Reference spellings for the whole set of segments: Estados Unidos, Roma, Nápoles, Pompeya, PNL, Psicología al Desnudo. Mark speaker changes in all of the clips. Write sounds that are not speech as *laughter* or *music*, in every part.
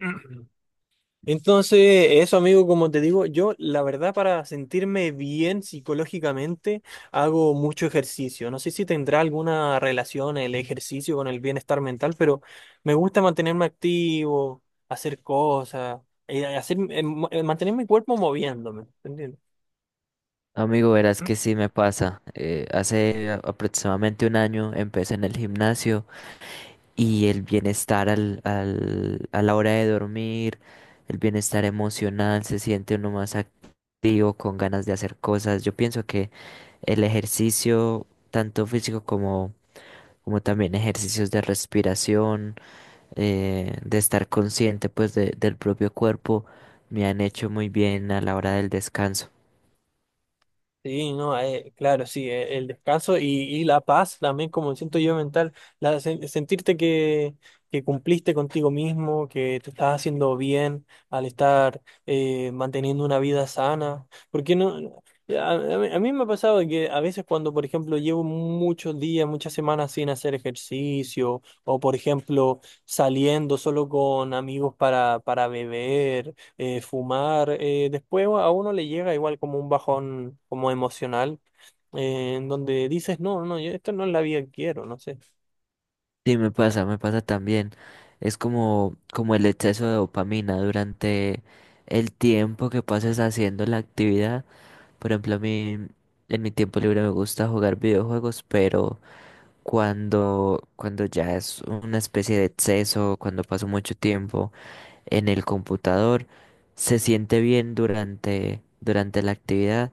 Speaker 1: *clears throat* Entonces, eso, amigo, como te digo, yo la verdad para sentirme bien psicológicamente hago mucho ejercicio. No sé si tendrá alguna relación el ejercicio con el bienestar mental, pero me gusta mantenerme activo, hacer cosas, hacer, mantener mi cuerpo moviéndome, ¿entiendes?
Speaker 2: Amigo, verás que sí me pasa. Hace aproximadamente un año empecé en el gimnasio y el bienestar a la hora de dormir, el bienestar emocional, se siente uno más activo, con ganas de hacer cosas. Yo pienso que el ejercicio, tanto físico como también ejercicios de respiración, de estar consciente pues del propio cuerpo, me han hecho muy bien a la hora del descanso.
Speaker 1: Sí, no, claro, sí, el descanso y la paz también como siento yo mental, sentirte que cumpliste contigo mismo, que te estás haciendo bien al estar manteniendo una vida sana, porque no, a mí me ha pasado que a veces cuando, por ejemplo, llevo muchos días, muchas semanas sin hacer ejercicio, o por ejemplo, saliendo solo con amigos para beber fumar, después a uno le llega igual como un bajón como emocional, en donde dices, no, no, yo esto no es la vida que quiero, no sé.
Speaker 2: Sí, me pasa también. Como el exceso de dopamina durante el tiempo que pases haciendo la actividad. Por ejemplo, a mí en mi tiempo libre me gusta jugar videojuegos, pero cuando ya es una especie de exceso, cuando paso mucho tiempo en el computador, se siente bien durante la actividad,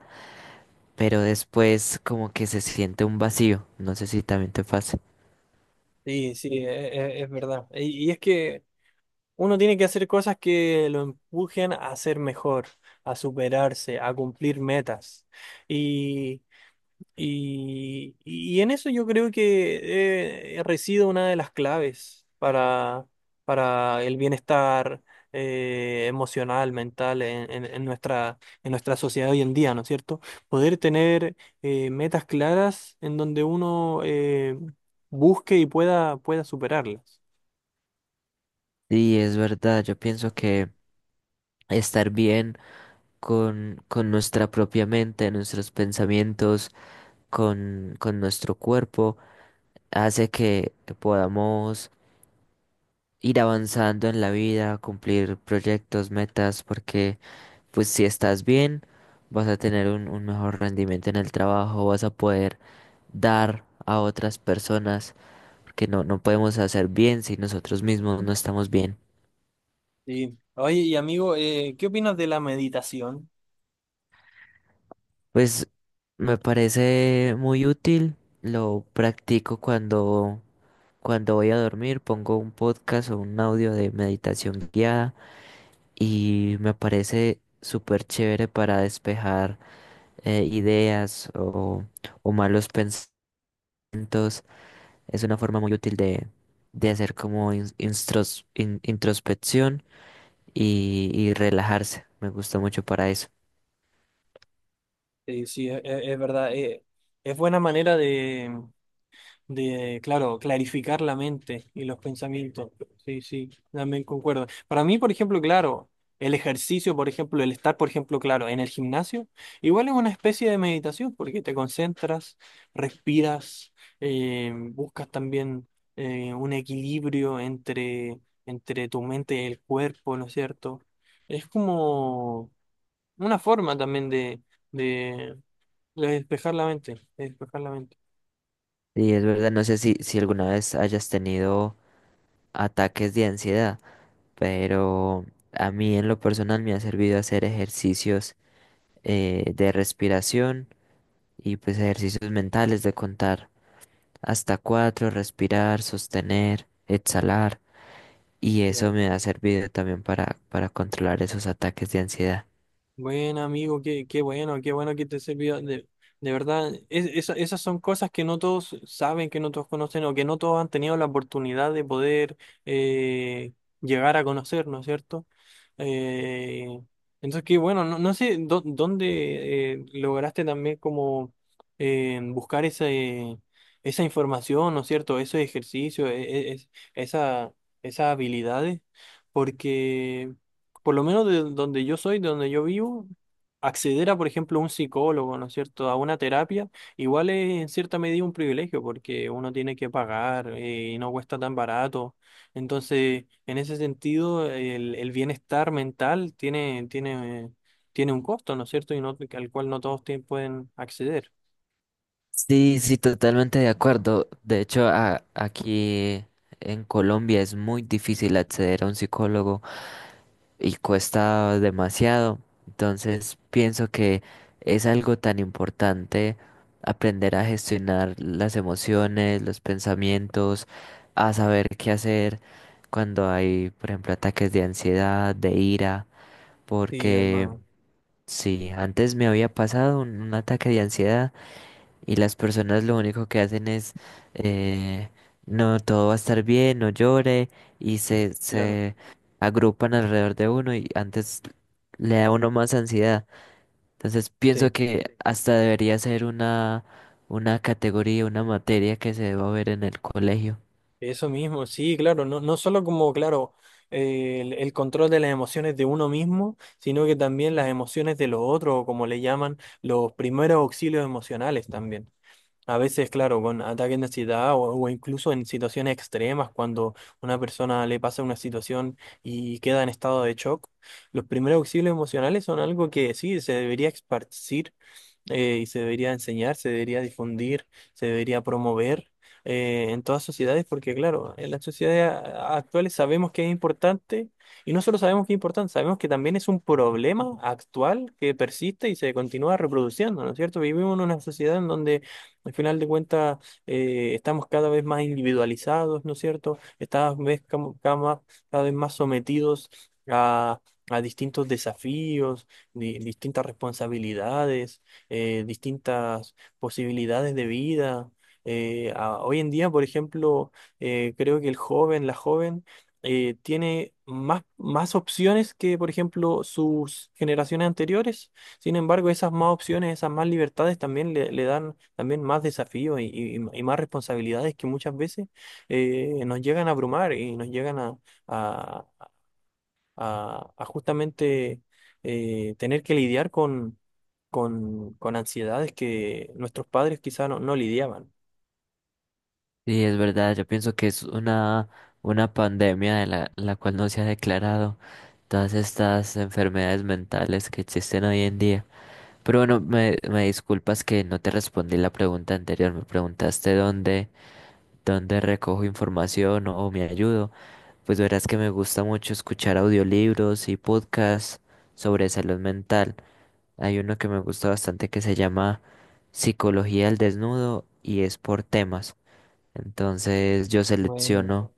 Speaker 2: pero después como que se siente un vacío. No sé si también te pasa.
Speaker 1: Sí, sí, es, verdad. Y es que uno tiene que hacer cosas que lo empujen a ser mejor, a superarse, a cumplir metas. Y en eso yo creo que reside una de las claves para el bienestar emocional, mental en nuestra sociedad hoy en día, ¿no es cierto? Poder tener metas claras en donde uno busque y pueda superarlas.
Speaker 2: Sí, es verdad, yo pienso que estar bien con nuestra propia mente, nuestros pensamientos, con nuestro cuerpo, hace que podamos ir avanzando en la vida, cumplir proyectos, metas, porque pues si estás bien, vas a tener un mejor rendimiento en el trabajo, vas a poder dar a otras personas, porque no, no podemos hacer bien si nosotros mismos no estamos bien.
Speaker 1: Sí. Oye, y amigo, ¿qué opinas de la meditación?
Speaker 2: Pues me parece muy útil, lo practico cuando voy a dormir, pongo un podcast o un audio de meditación guiada y me parece súper chévere para despejar ideas o malos pensamientos. Es una forma muy útil de hacer como introspección y relajarse. Me gusta mucho para eso.
Speaker 1: Sí, es, verdad, es buena manera de, claro, clarificar la mente y los pensamientos. Sí, sí, también concuerdo. Para mí, por ejemplo, claro, el ejercicio, por ejemplo, el estar, por ejemplo, claro, en el gimnasio, igual es una especie de meditación porque te concentras, respiras, buscas también un equilibrio entre tu mente y el cuerpo, ¿no es cierto? Es como una forma también de, de despejar la mente, de despejar la mente.
Speaker 2: Y es verdad, no sé si, si alguna vez hayas tenido ataques de ansiedad, pero a mí en lo personal me ha servido hacer ejercicios de respiración y pues ejercicios mentales de contar hasta cuatro, respirar, sostener, exhalar y eso
Speaker 1: Claro.
Speaker 2: me ha servido también para controlar esos ataques de ansiedad.
Speaker 1: Buen amigo, qué bueno que te sirvió. De verdad, esas son cosas que no todos saben, que no todos conocen o que no todos han tenido la oportunidad de poder eh, llegar a conocer, ¿no es cierto? Eh, entonces, qué bueno, no, dónde lograste también como buscar esa información, ¿no es cierto? Ese ejercicio, esas habilidades, porque por lo menos de donde yo soy, de donde yo vivo, acceder a, por ejemplo, un psicólogo, ¿no es cierto?, a una terapia, igual es en cierta medida un privilegio porque uno tiene que pagar y no cuesta tan barato. Entonces, en ese sentido, el bienestar mental tiene un costo, ¿no es cierto?, y no, al cual no todos pueden acceder.
Speaker 2: Sí, sí, totalmente de acuerdo. De hecho, aquí en Colombia es muy difícil acceder a un psicólogo y cuesta demasiado. Entonces pienso que es algo tan importante aprender a gestionar las emociones, los pensamientos, a saber qué hacer cuando hay, por ejemplo, ataques de ansiedad, de ira,
Speaker 1: Sí,
Speaker 2: porque
Speaker 1: hermano,
Speaker 2: sí, antes me había pasado un ataque de ansiedad y las personas lo único que hacen es, eh, no, todo va a estar bien, no llore y
Speaker 1: claro,
Speaker 2: se agrupan alrededor de uno y antes le da a uno más ansiedad. Entonces pienso
Speaker 1: sí.
Speaker 2: que hasta debería ser una categoría, una materia que se deba ver en el colegio.
Speaker 1: Eso mismo, sí, claro, no, no solo como, claro, el control de las emociones de uno mismo, sino que también las emociones de los otros, o como le llaman, los primeros auxilios emocionales también. A veces, claro, con ataques de ansiedad o incluso en situaciones extremas, cuando una persona le pasa una situación y queda en estado de shock, los primeros auxilios emocionales son algo que sí se debería esparcir y se debería enseñar, se debería difundir, se debería promover en todas sociedades, porque claro, en las sociedades actuales sabemos que es importante, y no solo sabemos que es importante, sabemos que también es un problema actual que persiste y se continúa reproduciendo, ¿no es cierto? Vivimos en una sociedad en donde al final de cuentas estamos cada vez más individualizados, ¿no es cierto? Estamos Cada vez, cam- cada más- Cada vez más sometidos a, a distintos desafíos, distintas responsabilidades distintas posibilidades de vida. Hoy en día, por ejemplo, creo que el joven, la joven, tiene más opciones que, por ejemplo, sus generaciones anteriores. Sin embargo, esas más opciones, esas más libertades también le dan también más desafíos y más responsabilidades que muchas veces nos llegan a abrumar y nos llegan a, a justamente tener que lidiar con ansiedades que nuestros padres quizá no, no lidiaban.
Speaker 2: Y es verdad, yo pienso que es una pandemia de la cual no se ha declarado todas estas enfermedades mentales que existen hoy en día. Pero bueno, me disculpas que no te respondí la pregunta anterior. Me preguntaste dónde recojo información o me ayudo. Pues verás que me gusta mucho escuchar audiolibros y podcasts sobre salud mental. Hay uno que me gusta bastante que se llama Psicología al Desnudo y es por temas. Entonces yo
Speaker 1: Bueno,
Speaker 2: selecciono,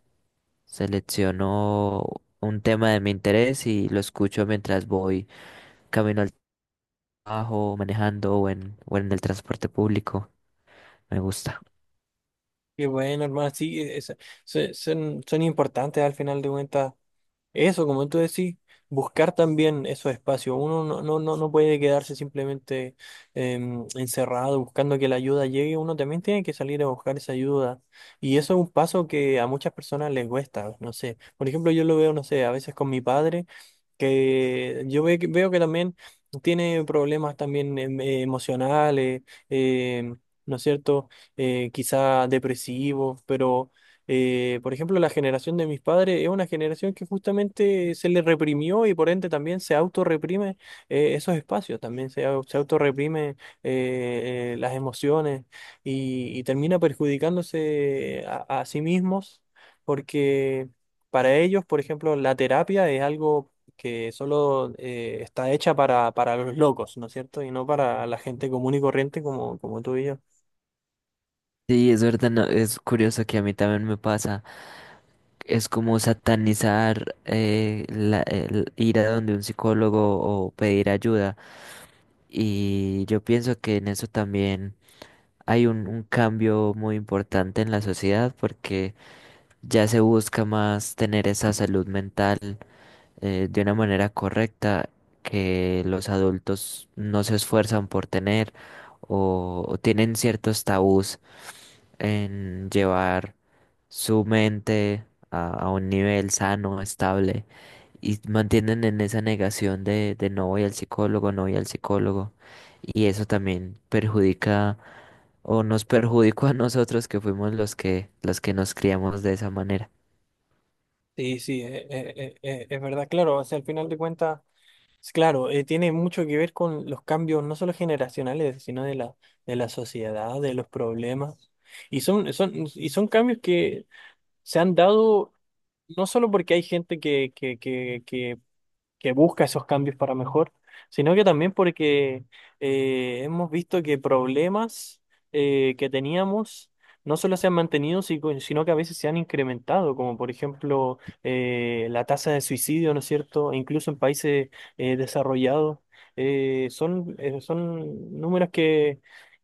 Speaker 2: selecciono un tema de mi interés y lo escucho mientras voy camino al trabajo, manejando o en el transporte público. Me gusta.
Speaker 1: qué bueno, hermano. Sí, son, son importantes al final de cuentas. Eso, como tú decís, buscar también esos espacios. Uno no puede quedarse simplemente encerrado buscando que la ayuda llegue. Uno también tiene que salir a buscar esa ayuda. Y eso es un paso que a muchas personas les cuesta. No sé, por ejemplo, yo lo veo, no sé, a veces con mi padre, que yo veo que también tiene problemas también emocionales, em, ¿no es cierto? Quizá depresivos, pero... por ejemplo, la generación de mis padres es una generación que justamente se le reprimió y por ende también se autorreprime esos espacios, también se autorreprime las emociones y termina perjudicándose a sí mismos porque para ellos, por ejemplo, la terapia es algo que solo está hecha para los locos, ¿no es cierto? Y no para la gente común y corriente como, como tú y yo.
Speaker 2: Sí, es verdad, no, es curioso que a mí también me pasa. Es como satanizar el ir a donde un psicólogo o pedir ayuda. Y yo pienso que en eso también hay un cambio muy importante en la sociedad porque ya se busca más tener esa salud mental de una manera correcta que los adultos no se esfuerzan por tener o tienen ciertos tabús en llevar su mente a un nivel sano, estable y mantienen en esa negación de no voy al psicólogo, no voy al psicólogo y eso también perjudica o nos perjudicó a nosotros que fuimos los que nos criamos de esa manera.
Speaker 1: Sí, sí, es verdad, claro, o sea, al final de cuentas... Sí, claro, tiene mucho que ver con los cambios no solo generacionales, sino de la sociedad, de los problemas. Y son cambios que se han dado no solo porque hay gente que busca esos cambios para mejor, sino que también porque hemos visto que problemas que teníamos no solo se han mantenido, sino que a veces se han incrementado, como por ejemplo la tasa de suicidio, ¿no es cierto? E incluso en países desarrollados, son números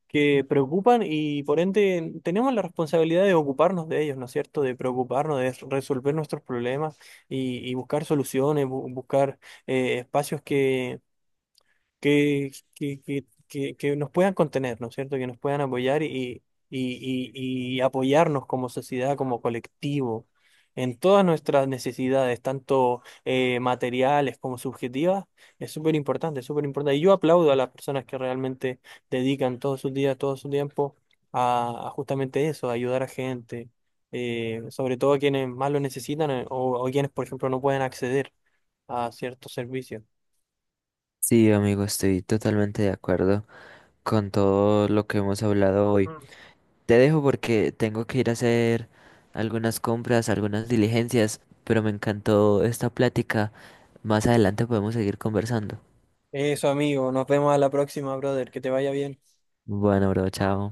Speaker 1: que preocupan y por ende tenemos la responsabilidad de ocuparnos de ellos, ¿no es cierto? De preocuparnos, de resolver nuestros problemas y buscar soluciones, buscar espacios que nos puedan contener, ¿no es cierto? Que nos puedan apoyar y apoyarnos como sociedad, como colectivo, en todas nuestras necesidades, tanto materiales como subjetivas, es súper importante, es súper importante. Y yo aplaudo a las personas que realmente dedican todos sus días, todo su tiempo a justamente eso, a ayudar a gente. Eh, sobre todo a quienes más lo necesitan , o o quienes, por ejemplo, no pueden acceder a ciertos servicios.
Speaker 2: Sí, amigo, estoy totalmente de acuerdo con todo lo que hemos hablado hoy. Te dejo porque tengo que ir a hacer algunas compras, algunas diligencias, pero me encantó esta plática. Más adelante podemos seguir conversando.
Speaker 1: Eso, amigo. Nos vemos a la próxima, brother. Que te vaya bien.
Speaker 2: Bueno, bro, chao.